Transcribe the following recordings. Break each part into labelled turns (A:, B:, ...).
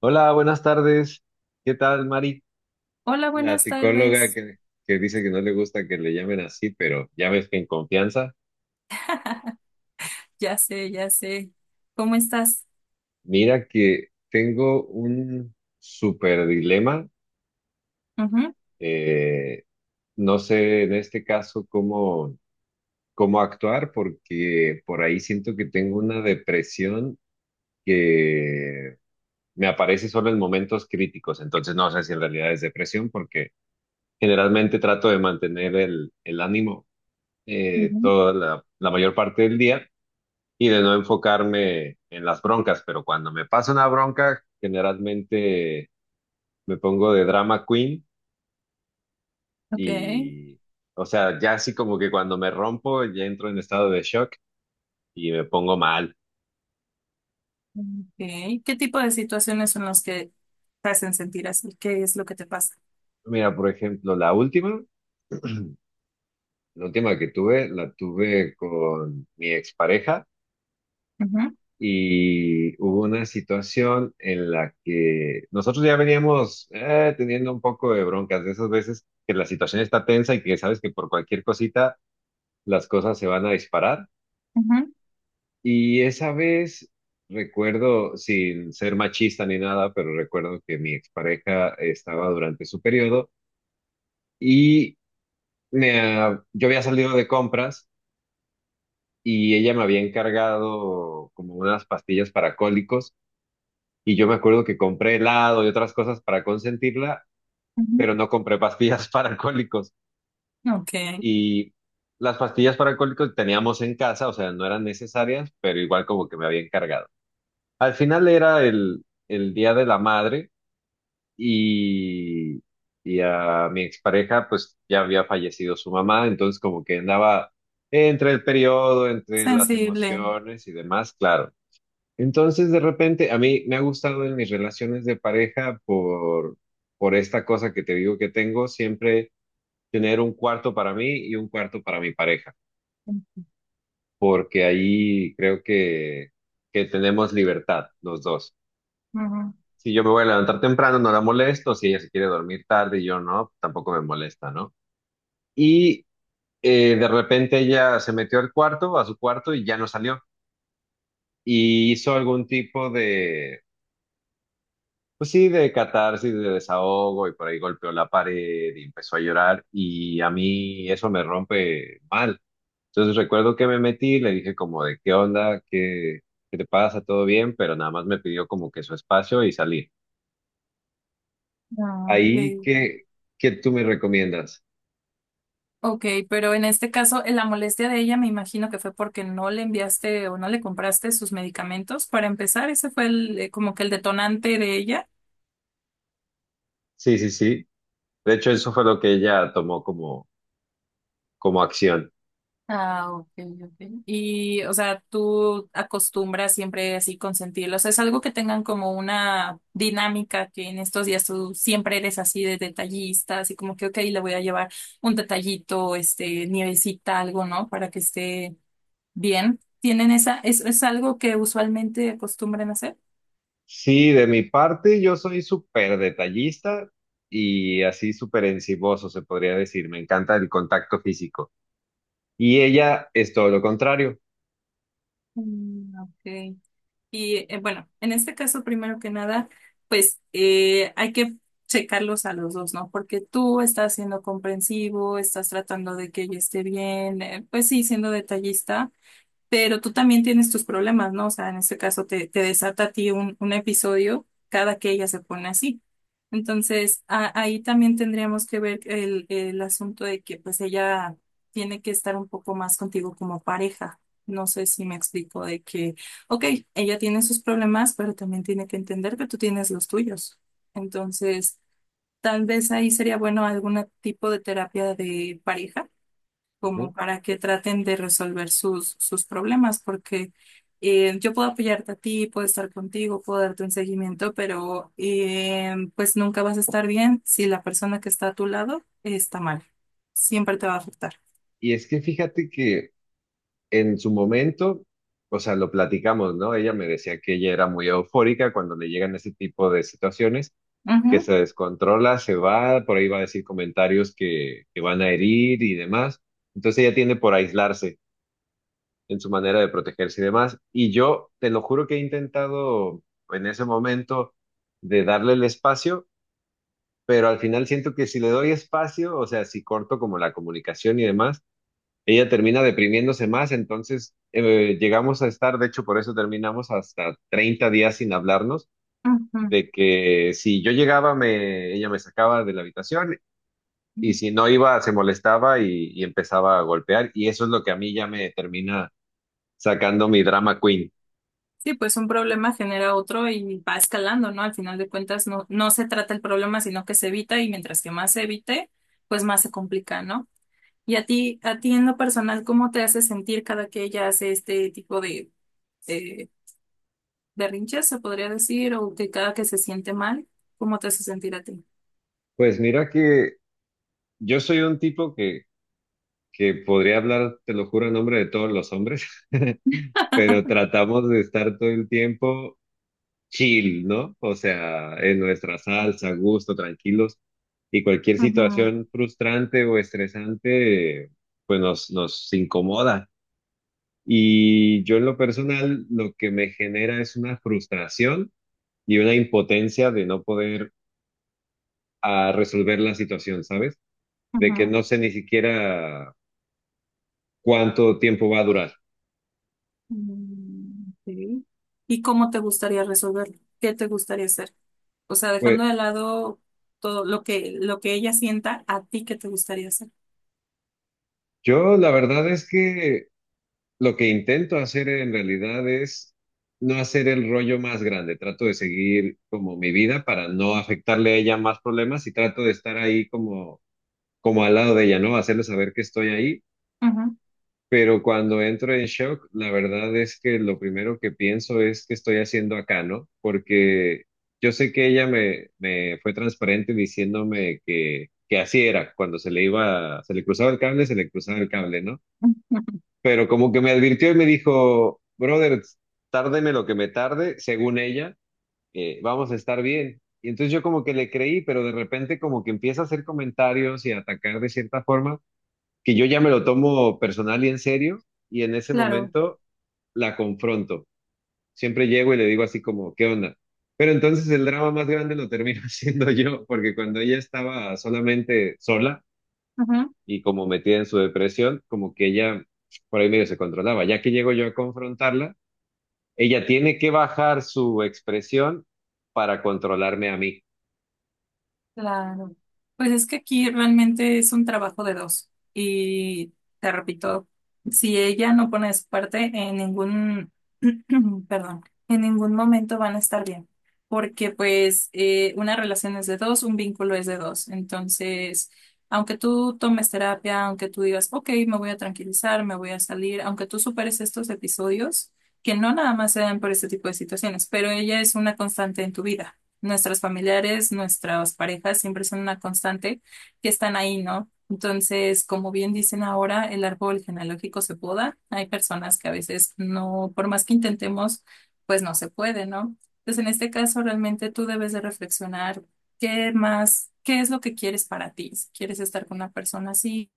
A: Hola, buenas tardes. ¿Qué tal, Mari?
B: Hola,
A: La
B: buenas
A: psicóloga
B: tardes.
A: que dice que no le gusta que le llamen así, pero ya ves que en confianza.
B: Ya sé, ya sé. ¿Cómo estás?
A: Mira que tengo un súper dilema.
B: Ujú,
A: Eh, no sé en este caso cómo actuar porque por ahí siento que tengo una depresión que me aparece solo en momentos críticos. Entonces no sé si en realidad es depresión porque generalmente trato de mantener el ánimo
B: ujú.
A: toda la mayor parte del día y de no enfocarme en las broncas, pero cuando me pasa una bronca, generalmente me pongo de drama queen
B: Ok,
A: y, o sea, ya así como que cuando me rompo, ya entro en estado de shock y me pongo mal.
B: ok. ¿Qué tipo de situaciones son las que te hacen sentir así? ¿Qué es lo que te pasa?
A: Mira, por ejemplo, la última que tuve, la tuve con mi expareja.
B: Ujú,
A: Y hubo una situación en la que nosotros ya veníamos teniendo un poco de broncas, de esas veces que la situación está tensa y que sabes que por cualquier cosita las cosas se van a disparar.
B: ujú,
A: Y esa vez recuerdo, sin ser machista ni nada, pero recuerdo que mi expareja estaba durante su periodo y yo había salido de compras. Y ella me había encargado como unas pastillas para cólicos. Y yo me acuerdo que compré helado y otras cosas para consentirla,
B: ujú.
A: pero no compré pastillas para alcohólicos.
B: Ok,
A: Y las pastillas para alcohólicos teníamos en casa, o sea, no eran necesarias, pero igual como que me había encargado. Al final era el Día de la Madre y, y a mi expareja pues ya había fallecido su mamá, entonces como que andaba entre el periodo, entre las
B: sensible.
A: emociones y demás, claro. Entonces, de repente, a mí me ha gustado en mis relaciones de por esta cosa que te digo que tengo, siempre tener un cuarto para mí y un cuarto para mi pareja, porque ahí creo que tenemos libertad los dos.
B: Ujú.
A: Si yo me voy a levantar temprano, no la molesto, si ella se quiere dormir tarde y yo no, tampoco me molesta, ¿no? Y de repente ella se metió al cuarto, a su cuarto, y ya no salió. Y hizo algún tipo de... Pues sí, de catarsis, de desahogo, y por ahí golpeó la pared y empezó a llorar, y a mí eso me rompe mal. Entonces recuerdo que me metí, le dije como de qué qué te pasa, todo bien, pero nada más me pidió como que su espacio y salí.
B: Ah, ok.
A: Ahí, ¿qué tú me recomiendas?
B: Ok, pero en este caso, la molestia de ella me imagino que fue porque no le enviaste o no le compraste sus medicamentos. Para empezar, ese fue como que el detonante de ella.
A: Sí, sí, sí. De hecho, eso fue lo que ella tomó como acción.
B: Ah, ok, ok. Y, o sea, tú acostumbras siempre así consentirlos. O sea, es algo que tengan como una dinámica que en estos días tú siempre eres así de detallista, así como que, ok, le voy a llevar un detallito, este, nievecita, algo, ¿no? Para que esté bien. ¿Tienen esa, es algo que usualmente acostumbran hacer?
A: Sí, de mi parte, yo soy súper detallista y así súper enciboso, se podría decir. Me encanta el contacto físico. Y ella es todo lo contrario.
B: Mm, ok. Y bueno, en este caso, primero que nada, pues hay que checarlos a los dos, ¿no? Porque tú estás siendo comprensivo, estás tratando de que ella esté bien, pues sí, siendo detallista, pero tú también tienes tus problemas, ¿no? O sea, en este caso te desata a ti un episodio cada que ella se pone así. Entonces, ahí también tendríamos que ver el asunto de que pues ella tiene que estar un poco más contigo como pareja. No sé si me explico de que, ok, ella tiene sus problemas, pero también tiene que entender que tú tienes los tuyos. Entonces, tal vez ahí sería bueno algún tipo de terapia de pareja
A: Ujú.
B: como para que traten de resolver sus problemas, porque yo puedo apoyarte a ti, puedo estar contigo, puedo darte un seguimiento, pero pues nunca vas a estar bien si la persona que está a tu lado está mal. Siempre te va a afectar.
A: Y es que fíjate que en su momento, o sea, lo platicamos, ¿no? Ella me decía que ella era muy eufórica cuando le llegan ese tipo de situaciones,
B: Ujú,
A: que se descontrola, se va, por ahí va a decir comentarios que van a herir y demás. Entonces ella tiende por aislarse en su manera de protegerse y demás. Y yo te lo juro que he intentado en ese momento de darle el espacio, pero al final siento que si le doy espacio, o sea, si corto como la comunicación y demás, ella termina deprimiéndose más, entonces llegamos a estar, de hecho por eso terminamos hasta 30 días sin hablarnos, de que si yo llegaba, ella me sacaba de la habitación y
B: ujú.
A: si no iba, se molestaba y empezaba a golpear y eso es lo que a mí ya me termina sacando mi drama queen.
B: Sí, pues un problema genera otro y va escalando, ¿no? Al final de cuentas, no, no se trata el problema, sino que se evita y mientras que más se evite, pues más se complica, ¿no? ¿Y a ti en lo personal, cómo te hace sentir cada que ella hace este tipo de eh, berrinches, se podría decir, o que cada que se siente mal, cómo te hace sentir a ti?
A: Pues mira que yo soy un tipo que podría hablar, te lo juro, en nombre de todos los hombres. Pero tratamos de estar todo el tiempo chill, ¿no? O sea, en nuestra salsa, a gusto, tranquilos. Y cualquier
B: Ujú,
A: situación frustrante o estresante, pues nos incomoda. Y yo en lo personal, lo que me genera es una frustración y una impotencia de no poder resolver la situación, ¿sabes? De que
B: ujú.
A: no sé ni siquiera cuánto tiempo va a durar.
B: Mm, ok. ¿Y cómo te gustaría resolverlo? ¿Qué te gustaría hacer? O sea, dejando
A: Pues
B: de lado todo lo que ella sienta, ¿a ti qué te gustaría hacer?
A: yo la verdad es que... Lo que intento hacer en realidad es no hacer el rollo más grande. Trato de seguir como mi vida para no afectarle a ella más problemas y trato de estar ahí como al lado de ella, ¿no? Hacerle saber que estoy ahí.
B: Ujú.
A: Pero cuando entro en shock, la verdad es que lo primero que pienso es qué estoy haciendo acá, ¿no? Porque yo sé que ella me fue transparente diciéndome que así era. Cuando se le iba, se le cruzaba el cable, se le cruzaba el cable, ¿no? Pero como que me advirtió y me dijo, brother, tárdeme lo que me tarde, según ella, vamos a estar bien. Y entonces yo como que le creí, pero de repente como que empieza a hacer comentarios y a atacar de cierta forma, que yo ya me lo tomo personal y en serio, y en ese
B: Claro.
A: momento la confronto. Siempre llego y le digo así como, ¿qué onda? Pero entonces el drama más grande lo termino haciendo yo, porque cuando ella estaba solamente sola, y como metida en su depresión, como que ella por ahí medio se controlaba. Ya que llego yo a confrontarla, ella tiene que bajar su expresión para controlarme a mí.
B: Claro. Pues es que aquí realmente es un trabajo de dos. Y te repito, si ella no pone su parte en ningún perdón, en ningún momento van a estar bien, porque pues una relación es de dos, un vínculo es de dos. Entonces, aunque tú tomes terapia, aunque tú digas, ok, me voy a tranquilizar, me voy a salir, aunque tú superes estos episodios, que no nada más se dan por este tipo de situaciones, pero ella es una constante en tu vida. Nuestras familiares, nuestras parejas siempre son una constante que están ahí, ¿no? Entonces, como bien dicen ahora, el árbol genealógico se poda. Hay personas que a veces no, por más que intentemos, pues no se puede, ¿no? Entonces, en este caso, realmente tú debes de reflexionar qué más, qué es lo que quieres para ti. Si quieres estar con una persona así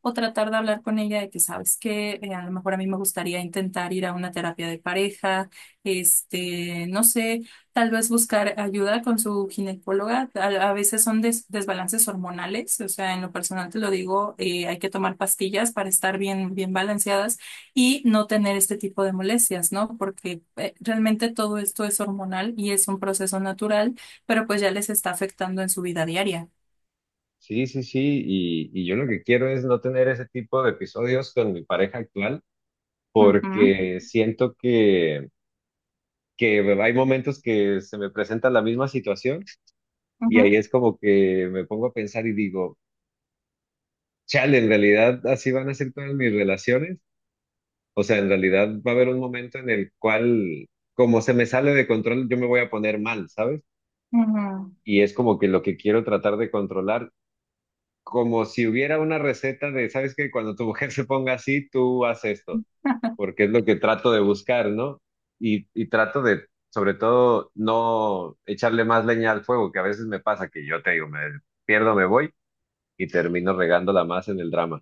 B: o tratar de hablar con ella de que sabes que a lo mejor a mí me gustaría intentar ir a una terapia de pareja, este, no sé. Tal vez buscar ayuda con su ginecóloga. A veces son desbalances hormonales, o sea, en lo personal te lo digo, hay que tomar pastillas para estar bien, bien balanceadas y no tener este tipo de molestias, ¿no? Porque realmente todo esto es hormonal y es un proceso natural, pero pues ya les está afectando en su vida diaria.
A: Sí, sí, sí, y yo lo que quiero es no tener ese tipo de episodios con mi pareja actual,
B: Ujú,
A: porque siento que hay momentos que se me presenta la misma situación y ahí
B: ujú,
A: es como que me pongo a pensar y digo, chale, en realidad así van a ser todas mis relaciones. O sea, en realidad va a haber un momento en el cual, como se me sale de control, yo me voy a poner mal, ¿sabes? Y es como que lo que quiero tratar de controlar, como si hubiera una receta de, ¿sabes qué? Cuando tu mujer se ponga así, tú haz esto,
B: ujú.
A: porque es lo que trato de buscar, ¿no? Y trato de, sobre todo, no echarle más leña al fuego, que a veces me pasa que yo te digo, me pierdo, me voy y termino regándola más en el drama.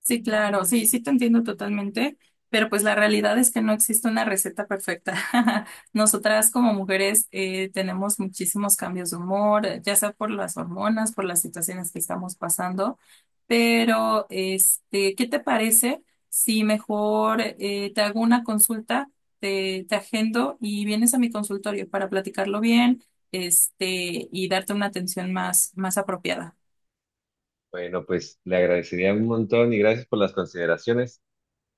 B: Sí, claro, sí, sí te entiendo totalmente, pero pues la realidad es que no existe una receta perfecta. Nosotras como mujeres tenemos muchísimos cambios de humor, ya sea por las hormonas, por las situaciones que estamos pasando, pero este, ¿qué te parece si mejor te hago una consulta, te agendo y vienes a mi consultorio para platicarlo bien, este, y darte una atención más, más apropiada?
A: Bueno, pues le agradecería un montón y gracias por las consideraciones.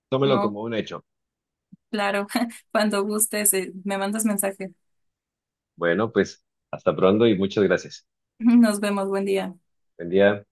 A: Tómelo
B: ¿No?
A: como un hecho.
B: Claro, cuando gustes, me mandas mensaje.
A: Bueno, pues hasta pronto y muchas gracias.
B: Nos vemos, buen día.
A: Buen día.